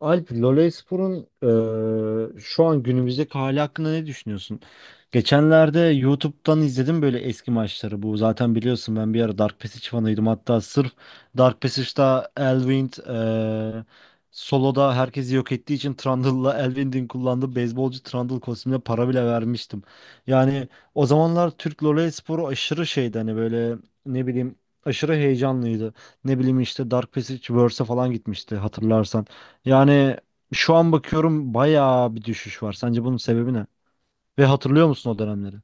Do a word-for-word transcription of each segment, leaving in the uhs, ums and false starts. Alp, Lolaispor'un eee, şu an günümüzdeki hali hakkında ne düşünüyorsun? Geçenlerde YouTube'dan izledim böyle eski maçları. Bu zaten biliyorsun ben bir ara Dark Passage fanıydım. Hatta sırf Dark Passage'da Elwind eee, soloda herkesi yok ettiği için Trundle'la Elwind'in kullandığı beyzbolcu Trundle kostümüne para bile vermiştim. Yani o zamanlar Türk Lolaispor'u aşırı şeydi hani böyle ne bileyim aşırı heyecanlıydı. Ne bileyim işte Dark Passage Verse'e falan gitmişti hatırlarsan. Yani şu an bakıyorum bayağı bir düşüş var. Sence bunun sebebi ne? Ve hatırlıyor musun o dönemleri?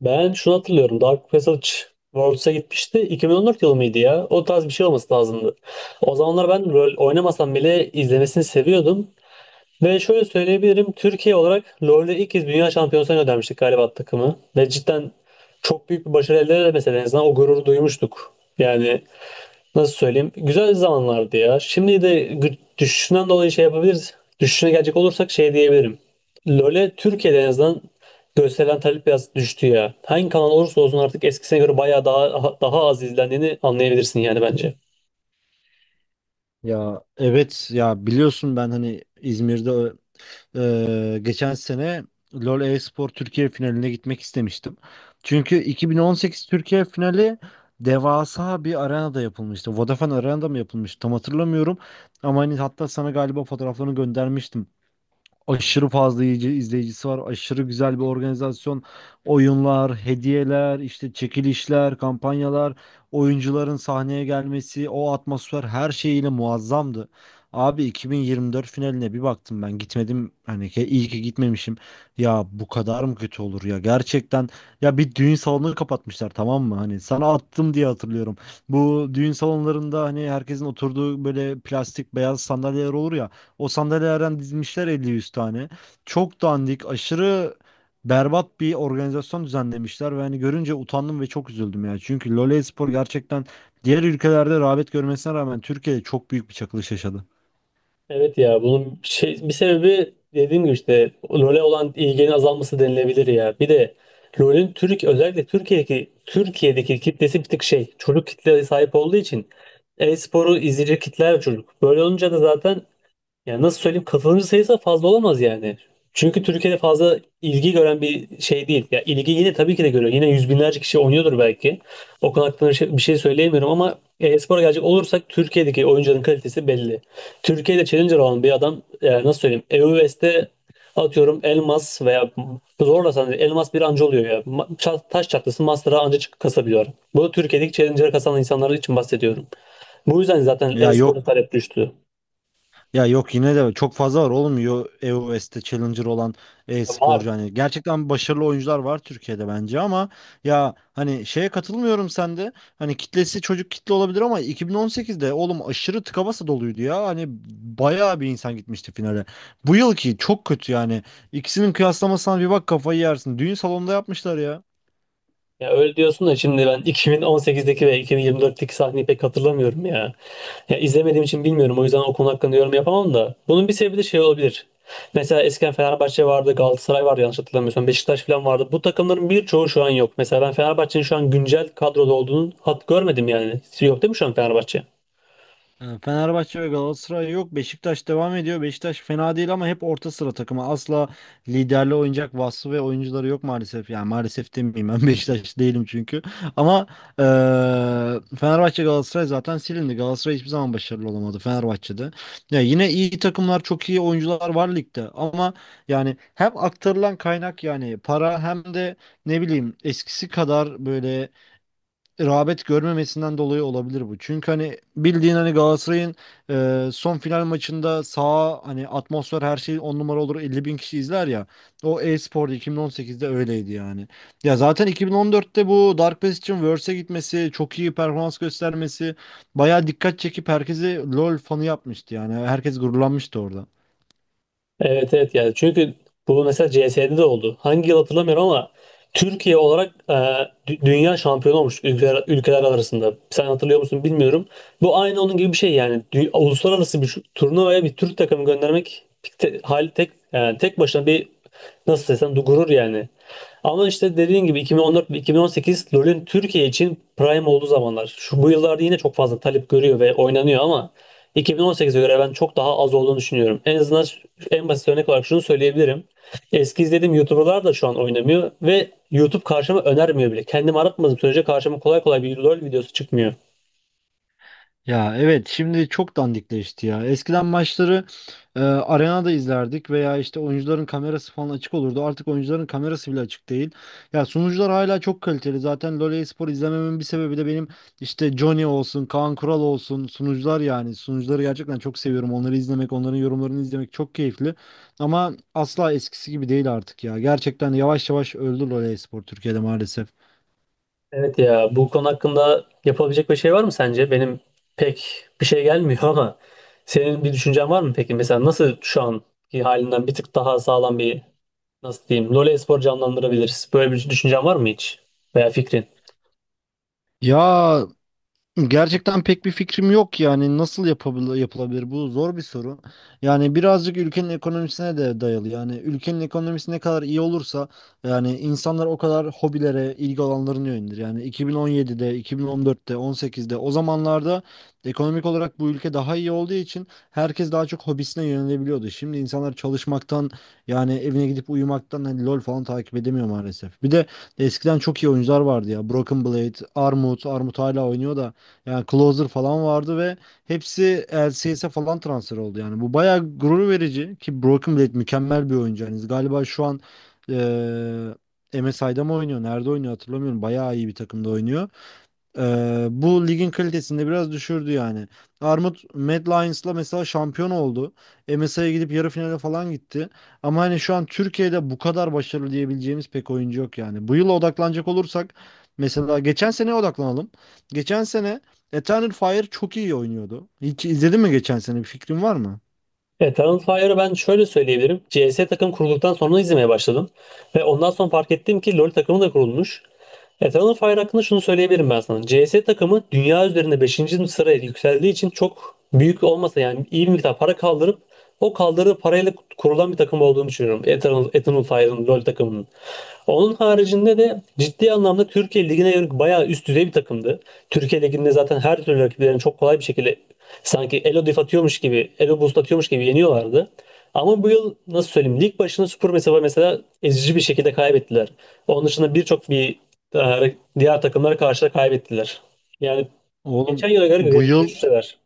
Ben şunu hatırlıyorum. Dark Passage Worlds'a gitmişti. iki bin on dört yılı mıydı ya? O tarz bir şey olması lazımdı. O zamanlar ben rol oynamasam bile izlemesini seviyordum. Ve şöyle söyleyebilirim. Türkiye olarak LoL'de ilk kez dünya şampiyonasına göndermiştik galiba takımı. Ve cidden çok büyük bir başarı elde edemese de en azından o gururu duymuştuk. Yani nasıl söyleyeyim? Güzel zamanlardı ya. Şimdi de gü- düşüşünden dolayı şey yapabiliriz. Düşüşüne gelecek olursak şey diyebilirim. LoL'e Türkiye'de en azından gösterilen talep biraz düştü ya. Hangi kanal olursa olsun artık eskisine göre bayağı daha daha az izlendiğini anlayabilirsin yani bence. Ya evet ya biliyorsun ben hani İzmir'de e, geçen sene LoL e-spor Türkiye finaline gitmek istemiştim. Çünkü iki bin on sekiz Türkiye finali devasa bir arenada yapılmıştı. Vodafone Arena'da mı yapılmıştı tam hatırlamıyorum. Ama hani hatta sana galiba fotoğraflarını göndermiştim. Aşırı fazla iyice izleyicisi var. Aşırı güzel bir organizasyon. Oyunlar, hediyeler, işte çekilişler, kampanyalar, oyuncuların sahneye gelmesi, o atmosfer her şeyiyle muazzamdı. Abi iki bin yirmi dört finaline bir baktım ben gitmedim hani ki iyi ki gitmemişim. Ya bu kadar mı kötü olur ya gerçekten ya bir düğün salonunu kapatmışlar tamam mı? Hani sana attım diye hatırlıyorum. Bu düğün salonlarında hani herkesin oturduğu böyle plastik beyaz sandalyeler olur ya. O sandalyelerden dizmişler elli yüz tane. Çok dandik, aşırı berbat bir organizasyon düzenlemişler ve hani görünce utandım ve çok üzüldüm ya. Çünkü LoL Espor gerçekten diğer ülkelerde rağbet görmesine rağmen Türkiye'de çok büyük bir çakılış yaşadı. Evet ya bunun şey, bir sebebi dediğim gibi işte LoL'e olan ilginin azalması denilebilir ya. Bir de LoL'ün Türk özellikle Türkiye'deki Türkiye'deki kitlesi bir tık şey çocuk kitleye sahip olduğu için e-sporu izleyecek kitler çocuk. Böyle olunca da zaten yani nasıl söyleyeyim katılımcı sayısı fazla olamaz yani. Çünkü Türkiye'de fazla ilgi gören bir şey değil. Ya ilgi yine tabii ki de görüyor. Yine yüz binlerce kişi oynuyordur belki. O konu hakkında bir şey, bir şey söyleyemiyorum ama e-spora gelecek olursak Türkiye'deki oyuncuların kalitesi belli. Türkiye'de challenger olan bir adam e, nasıl söyleyeyim E U S'te atıyorum Elmas veya zorlasan Elmas bir anca oluyor ya. Ma- ça- Taş çatlası Master'a anca çık- kasabiliyor. Bu Türkiye'deki challenger'a kasan insanlar için bahsediyorum. Bu yüzden zaten Ya e-spora yok. talep düştü. Ya yok yine de çok fazla var olmuyor E O S'te Challenger olan Ya var. e-sporcu hani gerçekten başarılı oyuncular var Türkiye'de bence ama ya hani şeye katılmıyorum sende hani kitlesi çocuk kitle olabilir ama iki bin on sekizde oğlum aşırı tıka basa doluydu ya hani bayağı bir insan gitmişti finale. Bu yılki çok kötü yani ikisinin kıyaslamasına bir bak kafayı yersin düğün salonunda yapmışlar ya. Ya öyle diyorsun da şimdi ben iki bin on sekizdeki ve iki bin yirmi dörtteki sahneyi pek hatırlamıyorum ya. Ya izlemediğim için bilmiyorum. O yüzden o konu hakkında yorum yapamam da. Bunun bir sebebi de şey olabilir. Mesela eskiden Fenerbahçe vardı, Galatasaray vardı yanlış hatırlamıyorsam. Beşiktaş falan vardı. Bu takımların birçoğu şu an yok. Mesela ben Fenerbahçe'nin şu an güncel kadroda olduğunu hat görmedim yani. Yok değil mi şu an Fenerbahçe? E, Fenerbahçe ve Galatasaray yok. Beşiktaş devam ediyor. Beşiktaş fena değil ama hep orta sıra takımı. Asla liderli oynayacak vasfı ve oyuncuları yok maalesef. Yani maalesef demeyeyim ben Beşiktaş değilim çünkü. Ama e, Fenerbahçe Galatasaray zaten silindi. Galatasaray hiçbir zaman başarılı olamadı Fenerbahçe'de. Ya yine iyi takımlar, çok iyi oyuncular var ligde ama yani hem aktarılan kaynak yani para hem de ne bileyim eskisi kadar böyle rağbet görmemesinden dolayı olabilir bu. Çünkü hani bildiğin hani Galatasaray'ın e, son final maçında saha hani atmosfer her şey on numara olur elli bin kişi izler ya. O e-spor'da iki bin on sekizde öyleydi yani. Ya zaten iki bin on dörtte bu Dark Pass için Worlds'e gitmesi, çok iyi performans göstermesi bayağı dikkat çekip herkesi LoL fanı yapmıştı yani. Herkes gururlanmıştı orada. Evet, evet, yani çünkü bu mesela C S'de de oldu. Hangi yıl hatırlamıyorum ama Türkiye olarak e, dü- dünya şampiyonu olmuş ülkeler, ülkeler arasında. Sen hatırlıyor musun bilmiyorum. Bu aynı onun gibi bir şey yani. Dü- uluslararası bir şu- turnuvaya bir Türk takımı göndermek tek, hal tek yani tek başına bir nasıl desem du- gurur yani. Ama işte dediğin gibi iki bin on dört ve iki bin on sekiz LoL'ün Türkiye için prime olduğu zamanlar. Şu bu yıllarda yine çok fazla talep görüyor ve oynanıyor ama iki bin on sekize göre ben çok daha az olduğunu düşünüyorum. En azından ş- en basit örnek olarak şunu söyleyebilirim. Eski izlediğim YouTuber'lar da şu an oynamıyor ve YouTube karşıma önermiyor bile. Kendim aratmadığım sürece karşıma kolay kolay bir LoL videosu çıkmıyor. Ya evet şimdi çok dandikleşti ya. Eskiden maçları e, arenada izlerdik veya işte oyuncuların kamerası falan açık olurdu. Artık oyuncuların kamerası bile açık değil. Ya sunucular hala çok kaliteli. Zaten LoL spor izlememin bir sebebi de benim işte Johnny olsun, Kaan Kural olsun sunucular yani. Sunucuları gerçekten çok seviyorum. Onları izlemek, onların yorumlarını izlemek çok keyifli. Ama asla eskisi gibi değil artık ya. Gerçekten yavaş yavaş öldü LoL spor Türkiye'de maalesef. Evet ya bu konu hakkında yapabilecek bir şey var mı sence? Benim pek bir şey gelmiyor ama senin bir düşüncen var mı peki? Mesela nasıl şu anki halinden bir tık daha sağlam bir nasıl diyeyim LoL spor canlandırabiliriz? Böyle bir düşüncen var mı hiç? Veya fikrin? Ya gerçekten pek bir fikrim yok yani nasıl yapabil- yapılabilir bu zor bir soru. Yani birazcık ülkenin ekonomisine de dayalı. Yani ülkenin ekonomisi ne kadar iyi olursa yani insanlar o kadar hobilere, ilgi alanlarına yönelir. Yani iki bin on yedide, iki bin on dörtte, on sekizde o zamanlarda ekonomik olarak bu ülke daha iyi olduğu için herkes daha çok hobisine yönelebiliyordu. Şimdi insanlar çalışmaktan yani evine gidip uyumaktan hani LOL falan takip edemiyor maalesef. Bir de eskiden çok iyi oyuncular vardı ya. Broken Blade, Armut, Armut hala oynuyor da yani Closer falan vardı ve hepsi L C S'e falan transfer oldu. Yani bu bayağı gurur verici ki Broken Blade mükemmel bir oyuncu. Yani galiba şu an eee M S I'da mı oynuyor? Nerede oynuyor hatırlamıyorum. Bayağı iyi bir takımda oynuyor. Ee, bu ligin kalitesini de biraz düşürdü yani. Armut Mad Lions'la mesela şampiyon oldu. M S I'ye gidip yarı finale falan gitti. Ama hani şu an Türkiye'de bu kadar başarılı diyebileceğimiz pek oyuncu yok yani. Bu yıla odaklanacak olursak mesela geçen seneye odaklanalım. Geçen sene Eternal Fire çok iyi oynuyordu. Hiç izledin mi geçen sene? Bir fikrin var mı? Eternal Fire'ı ben şöyle söyleyebilirim. C S takım kurulduktan sonra izlemeye başladım. Ve ondan sonra fark ettim ki LoL takımı da kurulmuş. Eternal Fire hakkında şunu söyleyebilirim ben sana. C S takımı dünya üzerinde beşinci sıraya yükseldiği için çok büyük olmasa yani iyi bir miktar para kaldırıp o kaldırdığı parayla kurulan bir takım olduğunu düşünüyorum. Eternal, Eternal Fire'ın LoL takımının. Onun haricinde de ciddi anlamda Türkiye Ligi'ne yönelik bayağı üst düzey bir takımdı. Türkiye Ligi'nde zaten her türlü rakiplerini çok kolay bir şekilde sanki Elo Def atıyormuş gibi, Elo Boost atıyormuş gibi yeniyorlardı. Ama bu yıl nasıl söyleyeyim lig başına Super mesela mesela ezici bir şekilde kaybettiler. Onun dışında birçok bir e, diğer takımlara karşı da kaybettiler. Yani geçen Oğlum yıla göre bu geri yıl düşseler.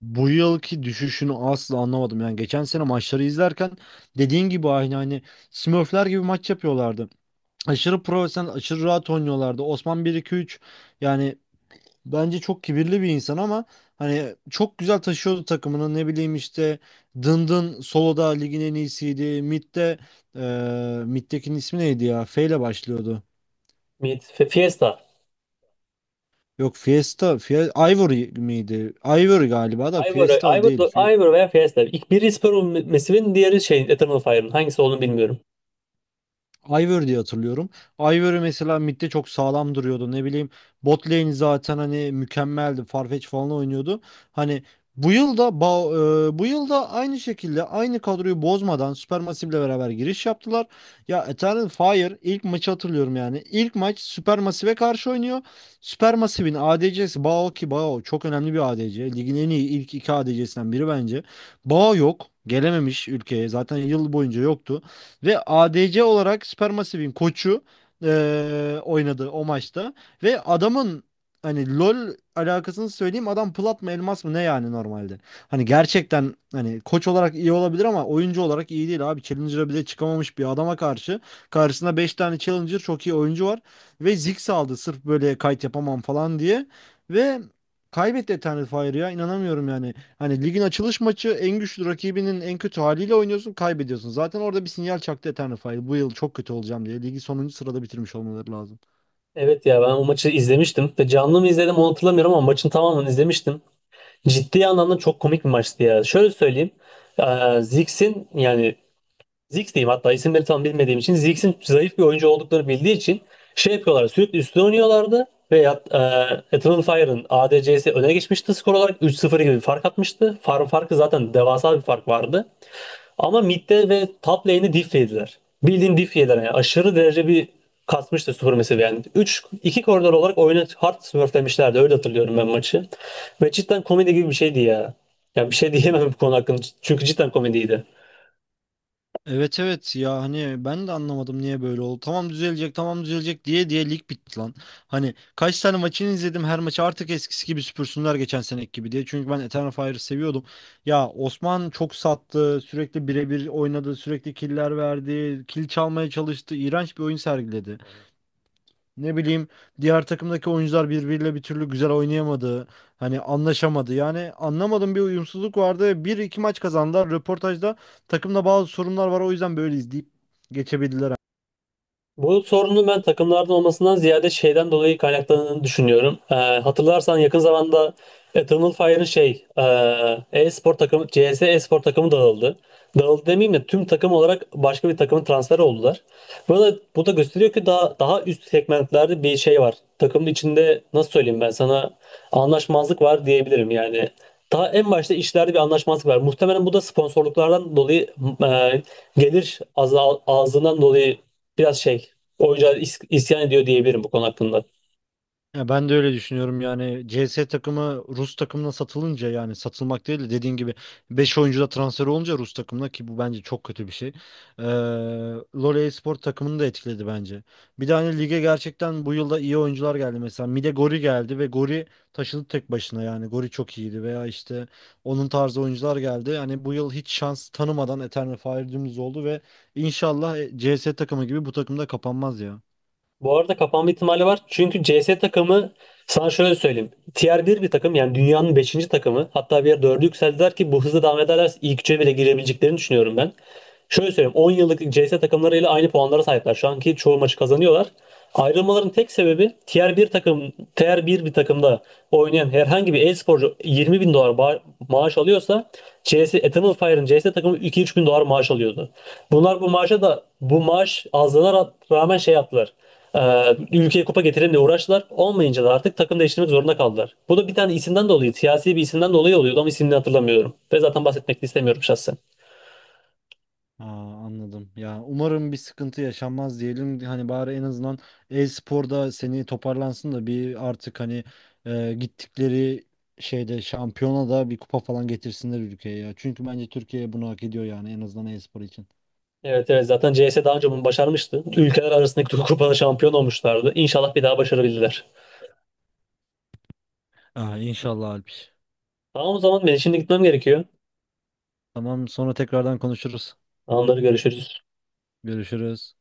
bu yılki düşüşünü asla anlamadım. Yani geçen sene maçları izlerken dediğin gibi aynı hani Smurfler gibi maç yapıyorlardı. Aşırı profesyonel, aşırı rahat oynuyorlardı. Osman bir iki-üç yani bence çok kibirli bir insan ama hani çok güzel taşıyordu takımını. Ne bileyim işte Dındın soloda ligin en iyisiydi. Mid'de eee Mid'dekinin ismi neydi ya? F ile başlıyordu. Mid, F- Fiesta. Yok Fiesta, Fie- Ivory miydi? Ivory galiba da Ivor, Fiesta Ivor, değil. Ivor veya Fiesta. İlk biri Spur Mesiv'in diğeri şey Eternal Fire'ın. Hangisi olduğunu bilmiyorum. Ivor diye hatırlıyorum. Ivory mesela midde çok sağlam duruyordu. Ne bileyim bot lane zaten hani mükemmeldi. Farfetch falan oynuyordu. Hani bu yıl da e, bu yıl da aynı şekilde aynı kadroyu bozmadan Supermassive ile beraber giriş yaptılar. Ya Eternal Fire ilk maçı hatırlıyorum yani. İlk maç Supermassive'e karşı oynuyor. Supermassive'in A D C'si Bao ki Bao çok önemli bir A D C. Ligin en iyi ilk iki A D C'sinden biri bence. Bao yok. Gelememiş ülkeye. Zaten yıl boyunca yoktu. Ve A D C olarak Supermassive'in koçu eee, oynadı o maçta. Ve adamın hani LoL alakasını söyleyeyim adam plat mı elmas mı ne yani normalde. Hani gerçekten hani koç olarak iyi olabilir ama oyuncu olarak iyi değil abi. Challenger'a bile çıkamamış bir adama karşı. Karşısında beş tane Challenger çok iyi oyuncu var. Ve Ziggs aldı sırf böyle kayıt yapamam falan diye. Ve kaybetti Eternal Fire'ı ya inanamıyorum yani. Hani ligin açılış maçı en güçlü rakibinin en kötü haliyle oynuyorsun, kaybediyorsun. Zaten orada bir sinyal çaktı Eternify. Bu yıl çok kötü olacağım diye. Ligi sonuncu sırada bitirmiş olmaları lazım. Evet ya ben o maçı izlemiştim. Ve canlı mı izledim onu hatırlamıyorum ama maçın tamamını izlemiştim. Ciddi anlamda çok komik bir maçtı ya. Şöyle söyleyeyim. Ee, Ziggs'in yani Ziggs diyeyim hatta isimleri tam bilmediğim için Ziggs'in zayıf bir oyuncu olduklarını bildiği için şey yapıyorlar sürekli üstüne oynuyorlardı ve yat- e, Eternal Fire'ın A D C'si öne geçmişti skor olarak üç sıfır gibi bir fark atmıştı. Farm farkı zaten devasa bir fark vardı. Ama midde ve top lane'i diff yediler. Bildiğin diff yediler yani aşırı derece bir kasmıştı Super Massive yani. üç iki koridor olarak oyunu hard smurflemişlerdi öyle hatırlıyorum ben maçı. Ve cidden komedi gibi bir şeydi ya. Yani bir şey diyemem bu konu hakkında çünkü cidden komediydi. Evet evet ya hani ben de anlamadım niye böyle oldu. Tamam düzelecek tamam düzelecek diye diye lig bitti lan. Hani kaç tane maçını izledim her maçı artık eskisi gibi süpürsünler geçen seneki gibi diye. Çünkü ben Eternal Fire'ı seviyordum. Ya Osman çok sattı sürekli birebir oynadı sürekli killer verdi. Kill çalmaya çalıştı. İğrenç bir oyun sergiledi. Ne bileyim diğer takımdaki oyuncular birbiriyle bir türlü güzel oynayamadı. Hani anlaşamadı. Yani anlamadım bir uyumsuzluk vardı. Bir iki maç kazandılar. Röportajda takımda bazı sorunlar var. O yüzden böyle izleyip geçebildiler. Bu sorunun ben takımlardan olmasından ziyade şeyden dolayı kaynaklandığını düşünüyorum. Ee, hatırlarsan yakın zamanda Eternal Fire'ın şey e, e-spor takımı C S e-spor takımı dağıldı. Dağıldı demeyeyim de tüm takım olarak başka bir takımın transferi oldular. Bu da, bu da gösteriyor ki daha daha üst segmentlerde bir şey var. Takımın içinde nasıl söyleyeyim ben sana anlaşmazlık var diyebilirim yani. Daha en başta işlerde bir anlaşmazlık var. Muhtemelen bu da sponsorluklardan dolayı e, gelir azal, azlığından dolayı biraz şey oyuncular is- isyan ediyor diyebilirim bu konu hakkında. Ya ben de öyle düşünüyorum yani C S takımı Rus takımına satılınca yani satılmak değil de dediğin gibi beş oyuncu da transfer olunca Rus takımına ki bu bence çok kötü bir şey. Ee, LoL spor takımını da etkiledi bence. Bir de hani lige gerçekten bu yılda iyi oyuncular geldi mesela Mide Gori geldi ve Gori taşıdı tek başına yani Gori çok iyiydi veya işte onun tarzı oyuncular geldi. Yani bu yıl hiç şans tanımadan Eternal Fire dümdüz oldu ve inşallah C S takımı gibi bu takımda kapanmaz ya. Bu arada kapanma ihtimali var. Çünkü C S takımı sana şöyle söyleyeyim. Tier 1 bir takım yani dünyanın beşinci takımı. Hatta bir yer dörde yükseldiler ki bu hızla devam ederlerse ilk üçe bile girebileceklerini düşünüyorum ben. Şöyle söyleyeyim on yıllık C CS takımlarıyla aynı puanlara sahipler. Şu anki çoğu maçı kazanıyorlar. Ayrılmaların tek sebebi Tier bir takım Tier 1 bir takımda oynayan herhangi bir e-sporcu yirmi bin dolar ba- maaş alıyorsa C S Eternal Fire'ın C S takımı iki üç bin dolar maaş alıyordu. Bunlar bu maaşa da bu maaş azlığına ra- rağmen şey yaptılar. Ee, ülkeye kupa getirelim diye uğraştılar. Olmayınca da artık takım değiştirmek zorunda kaldılar. Bu da bir tane isimden dolayı, siyasi bir isimden dolayı oluyordu ama isimini hatırlamıyorum. Ve zaten bahsetmek de istemiyorum şahsen. Aa, anladım. Ya umarım bir sıkıntı yaşanmaz diyelim. Hani bari en azından e-sporda seni toparlansın da bir artık hani e, gittikleri şeyde şampiyona da bir kupa falan getirsinler ülkeye ya. Çünkü bence Türkiye bunu hak ediyor yani en azından e-spor için. Evet, evet, zaten C S daha önce bunu başarmıştı. Ülkeler arasındaki kupada şampiyon olmuşlardı. İnşallah bir daha başarabilirler. Aa, inşallah Alpiş. Tamam, o zaman ben şimdi gitmem gerekiyor. Tamam sonra tekrardan konuşuruz. Anları görüşürüz. Görüşürüz.